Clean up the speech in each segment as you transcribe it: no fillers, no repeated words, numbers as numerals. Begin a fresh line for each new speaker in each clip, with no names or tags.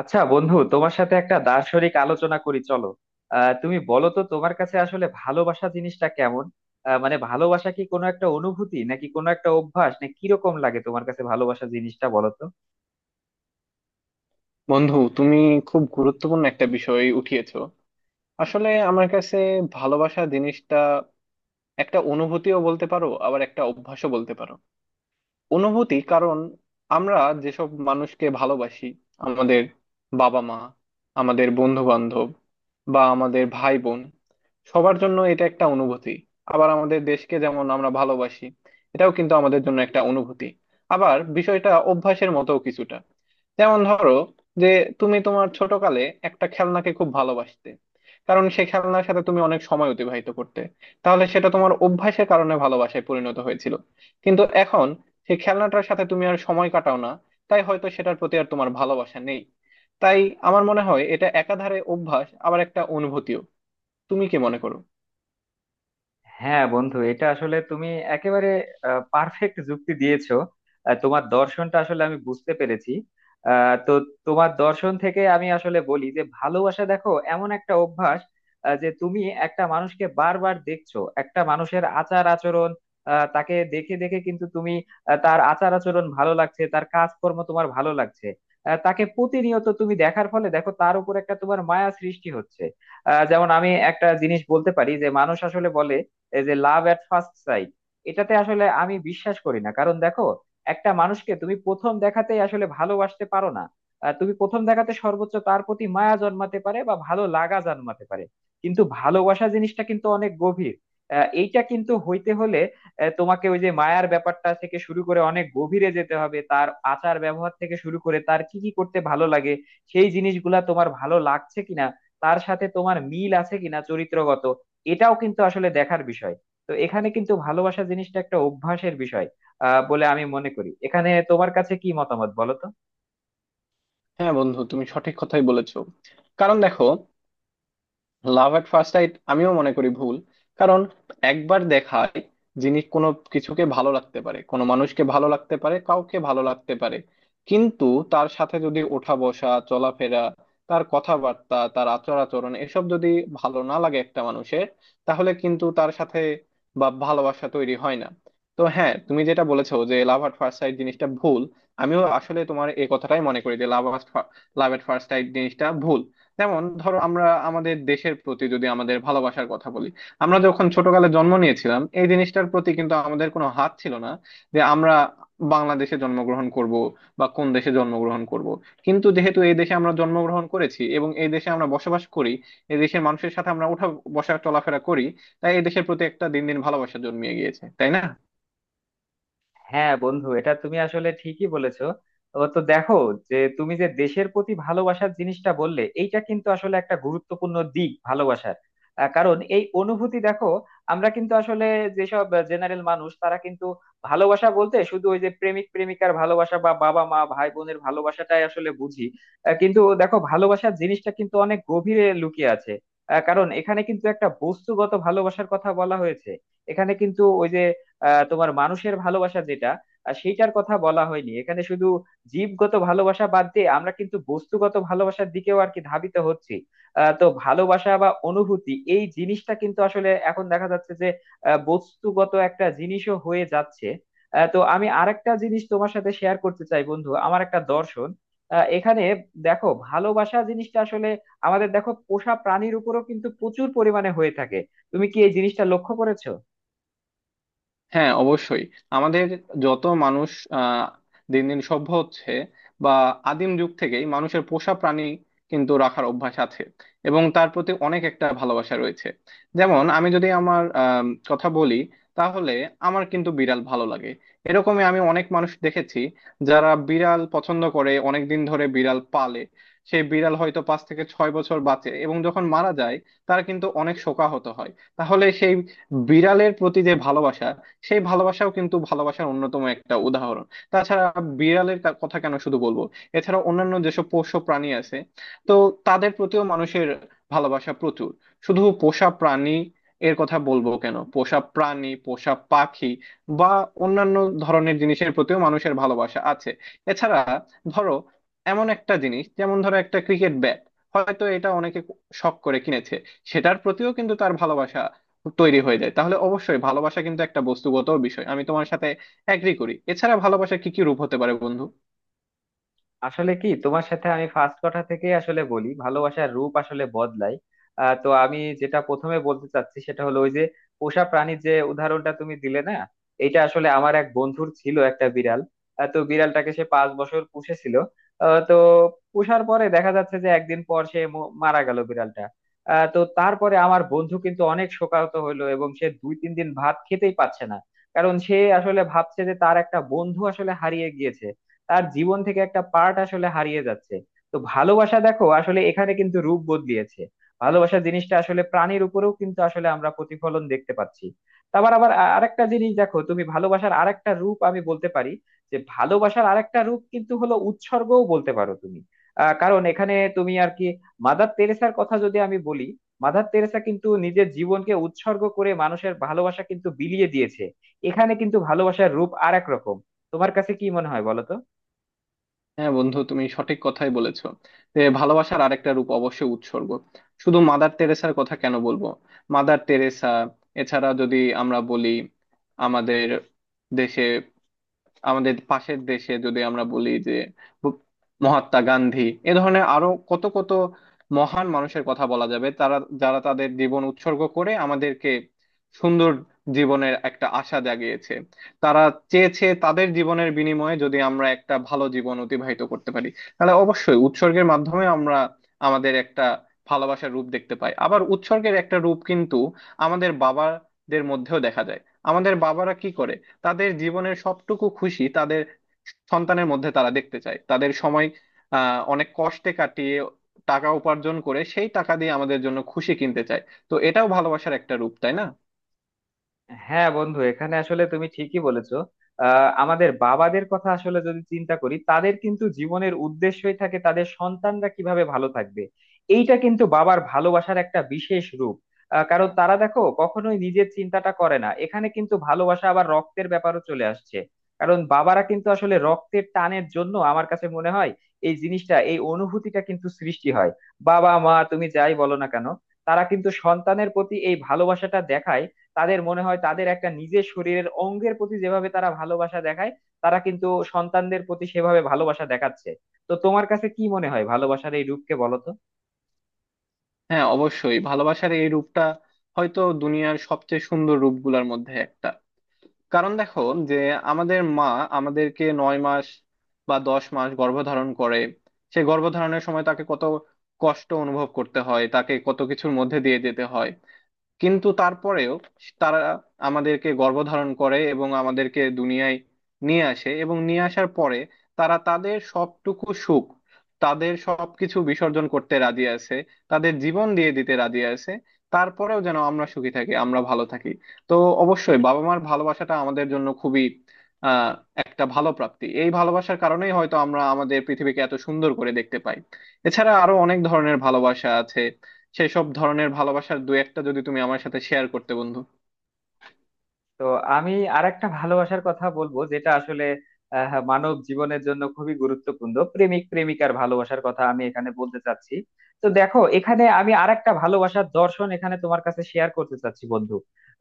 আচ্ছা বন্ধু, তোমার সাথে একটা দার্শনিক আলোচনা করি চলো। তুমি বলো তো, তোমার কাছে আসলে ভালোবাসা জিনিসটা কেমন? মানে ভালোবাসা কি কোনো একটা অনুভূতি, নাকি কোনো একটা অভ্যাস, নাকি কিরকম লাগে তোমার কাছে ভালোবাসা জিনিসটা বলো তো।
বন্ধু, তুমি খুব গুরুত্বপূর্ণ একটা বিষয় উঠিয়েছো। আসলে আমার কাছে ভালোবাসা জিনিসটা একটা অনুভূতিও বলতে পারো, আবার একটা অভ্যাসও বলতে পারো। অনুভূতি কারণ আমরা যেসব মানুষকে ভালোবাসি, আমাদের বাবা মা, আমাদের বন্ধু বান্ধব, বা আমাদের ভাই বোন, সবার জন্য এটা একটা অনুভূতি। আবার আমাদের দেশকে যেমন আমরা ভালোবাসি, এটাও কিন্তু আমাদের জন্য একটা অনুভূতি। আবার বিষয়টা অভ্যাসের মতো কিছুটা। যেমন ধরো যে তুমি তোমার ছোটকালে একটা খেলনাকে খুব ভালোবাসতে, কারণ সেই খেলনার সাথে তুমি অনেক সময় অতিবাহিত করতে। তাহলে সেটা তোমার অভ্যাসের কারণে ভালোবাসায় পরিণত হয়েছিল। কিন্তু এখন সেই খেলনাটার সাথে তুমি আর সময় কাটাও না, তাই হয়তো সেটার প্রতি আর তোমার ভালোবাসা নেই। তাই আমার মনে হয় এটা একাধারে অভ্যাস, আবার একটা অনুভূতিও। তুমি কি মনে করো?
হ্যাঁ বন্ধু, এটা আসলে তুমি একেবারে পারফেক্ট যুক্তি দিয়েছো। তোমার দর্শনটা আসলে আমি বুঝতে পেরেছি। তো তোমার দর্শন থেকে আমি আসলে বলি যে ভালোবাসা দেখো এমন একটা অভ্যাস, যে তুমি একটা মানুষকে বারবার দেখছো, একটা মানুষের আচার আচরণ, তাকে দেখে দেখে কিন্তু তুমি তার আচার আচরণ ভালো লাগছে, তার কাজকর্ম তোমার ভালো লাগছে। তাকে প্রতিনিয়ত তুমি দেখার ফলে দেখো তার উপর একটা তোমার মায়া সৃষ্টি হচ্ছে। যেমন আমি একটা জিনিস বলতে পারি যে মানুষ আসলে বলে এই যে লাভ এট ফার্স্ট সাইট, এটাতে আসলে আমি বিশ্বাস করি না। কারণ দেখো, একটা মানুষকে তুমি প্রথম দেখাতেই আসলে ভালোবাসতে পারো না। তুমি প্রথম দেখাতে সর্বোচ্চ তার প্রতি মায়া জন্মাতে পারে বা ভালো লাগা জন্মাতে পারে, কিন্তু ভালোবাসা জিনিসটা কিন্তু অনেক গভীর। এইটা কিন্তু হইতে হলে তোমাকে ওই যে মায়ার ব্যাপারটা থেকে শুরু করে অনেক গভীরে যেতে হবে, তার আচার ব্যবহার থেকে শুরু করে তার কি কি করতে ভালো লাগে, সেই জিনিসগুলা তোমার ভালো লাগছে কিনা, তার সাথে তোমার মিল আছে কিনা চরিত্রগত, এটাও কিন্তু আসলে দেখার বিষয়। তো এখানে কিন্তু ভালোবাসা জিনিসটা একটা অভ্যাসের বিষয় বলে আমি মনে করি। এখানে তোমার কাছে কি মতামত বলো তো।
হ্যাঁ বন্ধু, তুমি সঠিক কথাই বলেছো। কারণ দেখো, লাভ এট ফার্স্ট সাইট আমিও মনে করি ভুল। কারণ একবার দেখায় যিনি কোনো কিছুকে ভালো লাগতে পারে, কোনো মানুষকে ভালো লাগতে পারে, কাউকে ভালো লাগতে পারে, কিন্তু তার সাথে যদি ওঠা বসা চলাফেরা, তার কথাবার্তা, তার আচার আচরণ এসব যদি ভালো না লাগে একটা মানুষের, তাহলে কিন্তু তার সাথে বা ভালোবাসা তৈরি হয় না। তো হ্যাঁ, তুমি যেটা বলেছো যে লাভ এট ফার্স্ট সাইট জিনিসটা ভুল, আমিও আসলে তোমার এই কথাটাই মনে করি যে love love at first sight জিনিসটা ভুল। যেমন ধরো আমরা আমাদের দেশের প্রতি যদি আমাদের ভালোবাসার কথা বলি, আমরা যখন ছোটকালে জন্ম নিয়েছিলাম এই জিনিসটার প্রতি কিন্তু আমাদের কোনো হাত ছিল না, যে আমরা বাংলাদেশে জন্মগ্রহণ করব বা কোন দেশে জন্মগ্রহণ করব। কিন্তু যেহেতু এই দেশে আমরা জন্মগ্রহণ করেছি এবং এই দেশে আমরা বসবাস করি, এই দেশের মানুষের সাথে আমরা উঠা বসা চলাফেরা করি, তাই এই দেশের প্রতি একটা দিন দিন ভালোবাসা জন্মিয়ে গিয়েছে, তাই না?
হ্যাঁ বন্ধু, এটা তুমি আসলে ঠিকই বলেছো। ও তো দেখো, যে তুমি যে দেশের প্রতি ভালোবাসার জিনিসটা বললে এইটা কিন্তু আসলে একটা গুরুত্বপূর্ণ দিক ভালোবাসার। কারণ এই অনুভূতি দেখো, আমরা কিন্তু আসলে যেসব জেনারেল মানুষ তারা কিন্তু ভালোবাসা বলতে শুধু ওই যে প্রেমিক প্রেমিকার ভালোবাসা বা বাবা মা ভাই বোনের ভালোবাসাটাই আসলে বুঝি। কিন্তু দেখো ভালোবাসার জিনিসটা কিন্তু অনেক গভীরে লুকিয়ে আছে। কারণ এখানে কিন্তু একটা বস্তুগত ভালোবাসার কথা বলা হয়েছে। এখানে কিন্তু ওই যে তোমার মানুষের ভালোবাসা যেটা, সেইটার কথা বলা হয়নি এখানে শুধু। জীবগত ভালোবাসা বাদ দিয়ে আমরা কিন্তু বস্তুগত ভালোবাসার দিকেও আর কি ধাবিত হচ্ছি। তো ভালোবাসা বা অনুভূতি এই জিনিসটা কিন্তু আসলে এখন দেখা যাচ্ছে যে বস্তুগত একটা জিনিসও হয়ে যাচ্ছে। তো আমি আরেকটা জিনিস তোমার সাথে শেয়ার করতে চাই বন্ধু, আমার একটা দর্শন। এখানে দেখো ভালোবাসা জিনিসটা আসলে আমাদের দেখো পোষা প্রাণীর উপরও কিন্তু প্রচুর পরিমাণে হয়ে থাকে। তুমি কি এই জিনিসটা লক্ষ্য করেছো?
হ্যাঁ, অবশ্যই। আমাদের যত মানুষ আহ, দিন দিন সভ্য হচ্ছে, বা আদিম যুগ থেকেই মানুষের পোষা প্রাণী কিন্তু রাখার অভ্যাস আছে এবং তার প্রতি অনেক একটা ভালোবাসা রয়েছে। যেমন আমি যদি আমার কথা বলি, তাহলে আমার কিন্তু বিড়াল ভালো লাগে। এরকমই আমি অনেক মানুষ দেখেছি যারা বিড়াল পছন্দ করে, অনেক দিন ধরে বিড়াল পালে। সেই বিড়াল হয়তো 5 থেকে 6 বছর বাঁচে, এবং যখন মারা যায় তার কিন্তু অনেক শোকাহত হয়। তাহলে সেই বিড়ালের প্রতি যে ভালোবাসা, সেই ভালোবাসাও কিন্তু ভালোবাসার অন্যতম একটা উদাহরণ। তাছাড়া বিড়ালের কথা কেন শুধু বলবো, এছাড়া অন্যান্য যেসব পোষ্য প্রাণী আছে, তো তাদের প্রতিও মানুষের ভালোবাসা প্রচুর। শুধু পোষা প্রাণী এর কথা বলবো কেন, পোষা প্রাণী, পোষা পাখি বা অন্যান্য ধরনের জিনিসের প্রতিও মানুষের ভালোবাসা আছে। এছাড়া ধরো এমন একটা জিনিস, যেমন ধরো একটা ক্রিকেট ব্যাট, হয়তো এটা অনেকে শখ করে কিনেছে, সেটার প্রতিও কিন্তু তার ভালোবাসা তৈরি হয়ে যায়। তাহলে অবশ্যই ভালোবাসা কিন্তু একটা বস্তুগত বিষয়, আমি তোমার সাথে এগ্রি করি। এছাড়া ভালোবাসা কি কি রূপ হতে পারে বন্ধু?
আসলে কি তোমার সাথে আমি ফার্স্ট কথা থেকে আসলে বলি, ভালোবাসার রূপ আসলে বদলায়। তো আমি যেটা প্রথমে বলতে চাচ্ছি সেটা হলো ওই যে পোষা প্রাণীর যে উদাহরণটা তুমি দিলে না, এটা আসলে আমার এক বন্ধুর ছিল একটা বিড়াল। তো বিড়ালটাকে সে 5 বছর পুষেছিল। তো পুষার পরে দেখা যাচ্ছে যে একদিন পর সে মারা গেল বিড়ালটা। তো তারপরে আমার বন্ধু কিন্তু অনেক শোকাহত হলো এবং সে দুই তিন দিন ভাত খেতেই পারছে না। কারণ সে আসলে ভাবছে যে তার একটা বন্ধু আসলে হারিয়ে গিয়েছে, তার জীবন থেকে একটা পার্ট আসলে হারিয়ে যাচ্ছে। তো ভালোবাসা দেখো আসলে এখানে কিন্তু রূপ বদলিয়েছে। ভালোবাসা জিনিসটা আসলে প্রাণীর উপরেও কিন্তু আসলে আমরা প্রতিফলন দেখতে পাচ্ছি। তারপর আবার আরেকটা জিনিস দেখো, তুমি ভালোবাসার আরেকটা রূপ আমি বলতে পারি, যে ভালোবাসার আরেকটা রূপ কিন্তু হলো উৎসর্গও বলতে পারো তুমি। কারণ এখানে তুমি আর কি, মাদার তেরেসার কথা যদি আমি বলি, মাদার তেরেসা কিন্তু নিজের জীবনকে উৎসর্গ করে মানুষের ভালোবাসা কিন্তু বিলিয়ে দিয়েছে। এখানে কিন্তু ভালোবাসার রূপ আর এক রকম। তোমার কাছে কি মনে হয় বলো তো।
হ্যাঁ বন্ধু, তুমি সঠিক কথাই বলেছো যে ভালোবাসার আরেকটা রূপ অবশ্যই উৎসর্গ। শুধু মাদার তেরেসার কথা কেন বলবো, মাদার তেরেসা এছাড়া যদি আমরা বলি, আমাদের দেশে, আমাদের পাশের দেশে যদি আমরা বলি যে ব- মহাত্মা গান্ধী, এ ধরনের আরো কত কত মহান মানুষের কথা বলা যাবে, তারা যারা তাদের জীবন উৎসর্গ করে আমাদেরকে সুন্দর জীবনের একটা আশা জাগিয়েছে। তারা চেয়েছে তাদের জীবনের বিনিময়ে যদি আমরা একটা ভালো জীবন অতিবাহিত করতে পারি। তাহলে অবশ্যই উৎসর্গের মাধ্যমে আমরা আমাদের একটা ভালোবাসার রূপ দেখতে পাই। আবার উৎসর্গের একটা রূপ কিন্তু আমাদের বাবাদের মধ্যেও দেখা যায়। আমাদের বাবারা কি করে, তাদের জীবনের সবটুকু খুশি তাদের সন্তানের মধ্যে তারা দেখতে চায়। তাদের সময় অনেক কষ্টে কাটিয়ে টাকা উপার্জন করে সেই টাকা দিয়ে আমাদের জন্য খুশি কিনতে চায়। তো এটাও ভালোবাসার একটা রূপ, তাই না?
হ্যাঁ বন্ধু, এখানে আসলে তুমি ঠিকই বলেছো। আমাদের বাবাদের কথা আসলে যদি চিন্তা করি তাদের কিন্তু জীবনের উদ্দেশ্যই থাকে তাদের সন্তানরা কিভাবে ভালো থাকবে। এইটা কিন্তু বাবার ভালোবাসার একটা বিশেষ রূপ। কারণ তারা দেখো কখনোই নিজের চিন্তাটা করে না, এখানে কিন্তু ভালোবাসা আবার রক্তের ব্যাপারও চলে আসছে। কারণ বাবারা কিন্তু আসলে রক্তের টানের জন্য আমার কাছে মনে হয় এই জিনিসটা এই অনুভূতিটা কিন্তু সৃষ্টি হয়। বাবা মা তুমি যাই বলো না কেন, তারা কিন্তু সন্তানের প্রতি এই ভালোবাসাটা দেখায়। তাদের মনে হয় তাদের একটা নিজের শরীরের অঙ্গের প্রতি যেভাবে তারা ভালোবাসা দেখায়, তারা কিন্তু সন্তানদের প্রতি সেভাবে ভালোবাসা দেখাচ্ছে। তো তোমার কাছে কি মনে হয় ভালোবাসার এই রূপকে বলো তো।
হ্যাঁ অবশ্যই, ভালোবাসার এই রূপটা হয়তো দুনিয়ার সবচেয়ে সুন্দর রূপগুলোর মধ্যে একটা। কারণ দেখো যে আমাদের মা আমাদেরকে 9 মাস বা 10 মাস গর্ভধারণ করে, সেই গর্ভধারণের সময় তাকে কত কষ্ট অনুভব করতে হয়, তাকে কত কিছুর মধ্যে দিয়ে যেতে হয়। কিন্তু তারপরেও তারা আমাদেরকে গর্ভধারণ করে এবং আমাদেরকে দুনিয়ায় নিয়ে আসে। এবং নিয়ে আসার পরে তারা তাদের সবটুকু সুখ, তাদের সবকিছু বিসর্জন করতে রাজি আছে, তাদের জীবন দিয়ে দিতে রাজি আছে, তারপরেও যেন আমরা সুখী থাকি, আমরা ভালো থাকি। তো অবশ্যই বাবা মার ভালোবাসাটা আমাদের জন্য খুবই আহ একটা ভালো প্রাপ্তি। এই ভালোবাসার কারণেই হয়তো আমরা আমাদের পৃথিবীকে এত সুন্দর করে দেখতে পাই। এছাড়া আরো অনেক ধরনের ভালোবাসা আছে, সেই সব ধরনের ভালোবাসার দু একটা যদি তুমি আমার সাথে শেয়ার করতে বন্ধু।
তো আমি আরেকটা ভালোবাসার কথা বলবো, যেটা আসলে মানব জীবনের জন্য খুবই গুরুত্বপূর্ণ, প্রেমিক প্রেমিকার ভালোবাসার কথা আমি এখানে বলতে চাচ্ছি। তো দেখো এখানে আমি আরেকটা ভালোবাসার দর্শন এখানে তোমার কাছে শেয়ার করতে চাচ্ছি বন্ধু।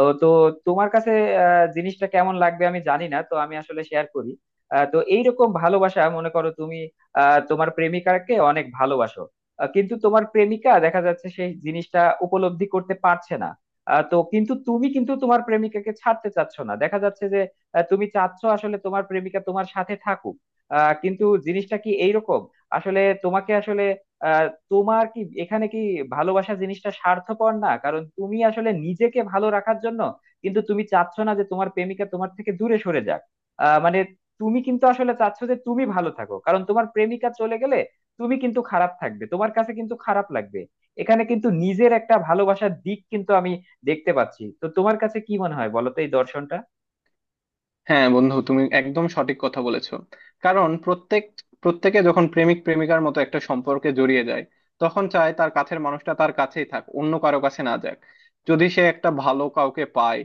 ও, তো তোমার কাছে জিনিসটা কেমন লাগবে আমি জানি না, তো আমি আসলে শেয়ার করি। তো এইরকম ভালোবাসা মনে করো তুমি তোমার প্রেমিকাকে অনেক ভালোবাসো। কিন্তু তোমার প্রেমিকা দেখা যাচ্ছে সেই জিনিসটা উপলব্ধি করতে পারছে না। তো কিন্তু তুমি কিন্তু তোমার প্রেমিকাকে ছাড়তে চাচ্ছ না, দেখা যাচ্ছে যে তুমি চাচ্ছ আসলে তোমার প্রেমিকা তোমার সাথে থাকুক। কিন্তু জিনিসটা কি এইরকম, আসলে তোমাকে আসলে আহ, তোমার কি এখানে কি ভালোবাসা জিনিসটা স্বার্থপর না? কারণ তুমি আসলে নিজেকে ভালো রাখার জন্য কিন্তু তুমি চাচ্ছ না যে তোমার প্রেমিকা তোমার থেকে দূরে সরে যাক। মানে তুমি কিন্তু আসলে চাচ্ছ যে তুমি ভালো থাকো, কারণ তোমার প্রেমিকা চলে গেলে তুমি কিন্তু খারাপ থাকবে, তোমার কাছে কিন্তু খারাপ লাগবে। এখানে কিন্তু নিজের একটা ভালোবাসার দিক কিন্তু আমি দেখতে পাচ্ছি। তো তোমার কাছে কি মনে হয় বলো তো এই দর্শনটা।
হ্যাঁ বন্ধু, তুমি একদম সঠিক কথা বলেছো। কারণ প্রত্যেকে যখন প্রেমিক প্রেমিকার মতো একটা সম্পর্কে জড়িয়ে যায়, তখন চায় তার কাছের মানুষটা তার কাছেই থাক, অন্য কারো কাছে না যাক। যদি সে একটা ভালো কাউকে পায়,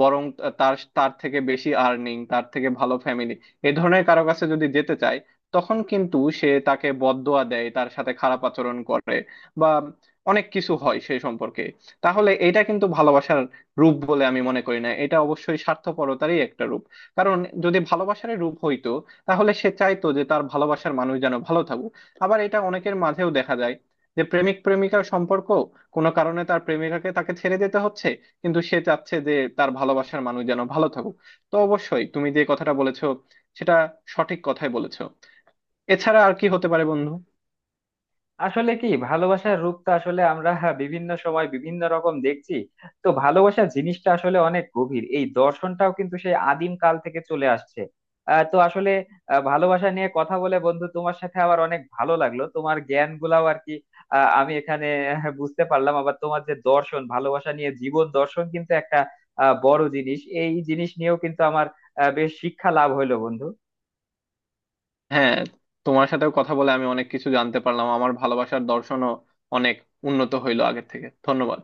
বরং তার তার থেকে বেশি আর্নিং, তার থেকে ভালো ফ্যামিলি, এ ধরনের কারো কাছে যদি যেতে চায়, তখন কিন্তু সে তাকে বদদোয়া দেয়, তার সাথে খারাপ আচরণ করে বা অনেক কিছু হয় সেই সম্পর্কে। তাহলে এটা কিন্তু ভালোবাসার রূপ বলে আমি মনে করি না, এটা অবশ্যই স্বার্থপরতারই একটা রূপ। কারণ যদি ভালোবাসার রূপ হইতো, তাহলে সে চাইতো যে তার ভালোবাসার মানুষ যেন ভালো থাকুক। আবার এটা অনেকের মাঝেও দেখা যায়, যে প্রেমিক প্রেমিকার সম্পর্ক কোনো কারণে তার প্রেমিকাকে তাকে ছেড়ে দিতে হচ্ছে, কিন্তু সে চাচ্ছে যে তার ভালোবাসার মানুষ যেন ভালো থাকুক। তো অবশ্যই তুমি যে কথাটা বলেছো, সেটা সঠিক কথাই বলেছো। এছাড়া আর কি হতে পারে বন্ধু?
আসলে কি ভালোবাসার রূপটা আসলে আমরা হ্যাঁ বিভিন্ন সময় বিভিন্ন রকম দেখছি। তো ভালোবাসার জিনিসটা আসলে অনেক গভীর, এই দর্শনটাও কিন্তু সেই আদিম কাল থেকে চলে আসছে। তো আসলে ভালোবাসা নিয়ে কথা বলে বন্ধু তোমার সাথে আবার অনেক ভালো লাগলো, তোমার জ্ঞান গুলাও আর কি আমি এখানে বুঝতে পারলাম। আবার তোমার যে দর্শন ভালোবাসা নিয়ে, জীবন দর্শন কিন্তু একটা বড় জিনিস, এই জিনিস নিয়েও কিন্তু আমার বেশ শিক্ষা লাভ হইলো বন্ধু।
হ্যাঁ, তোমার সাথেও কথা বলে আমি অনেক কিছু জানতে পারলাম, আমার ভালোবাসার দর্শনও অনেক উন্নত হইলো আগের থেকে। ধন্যবাদ।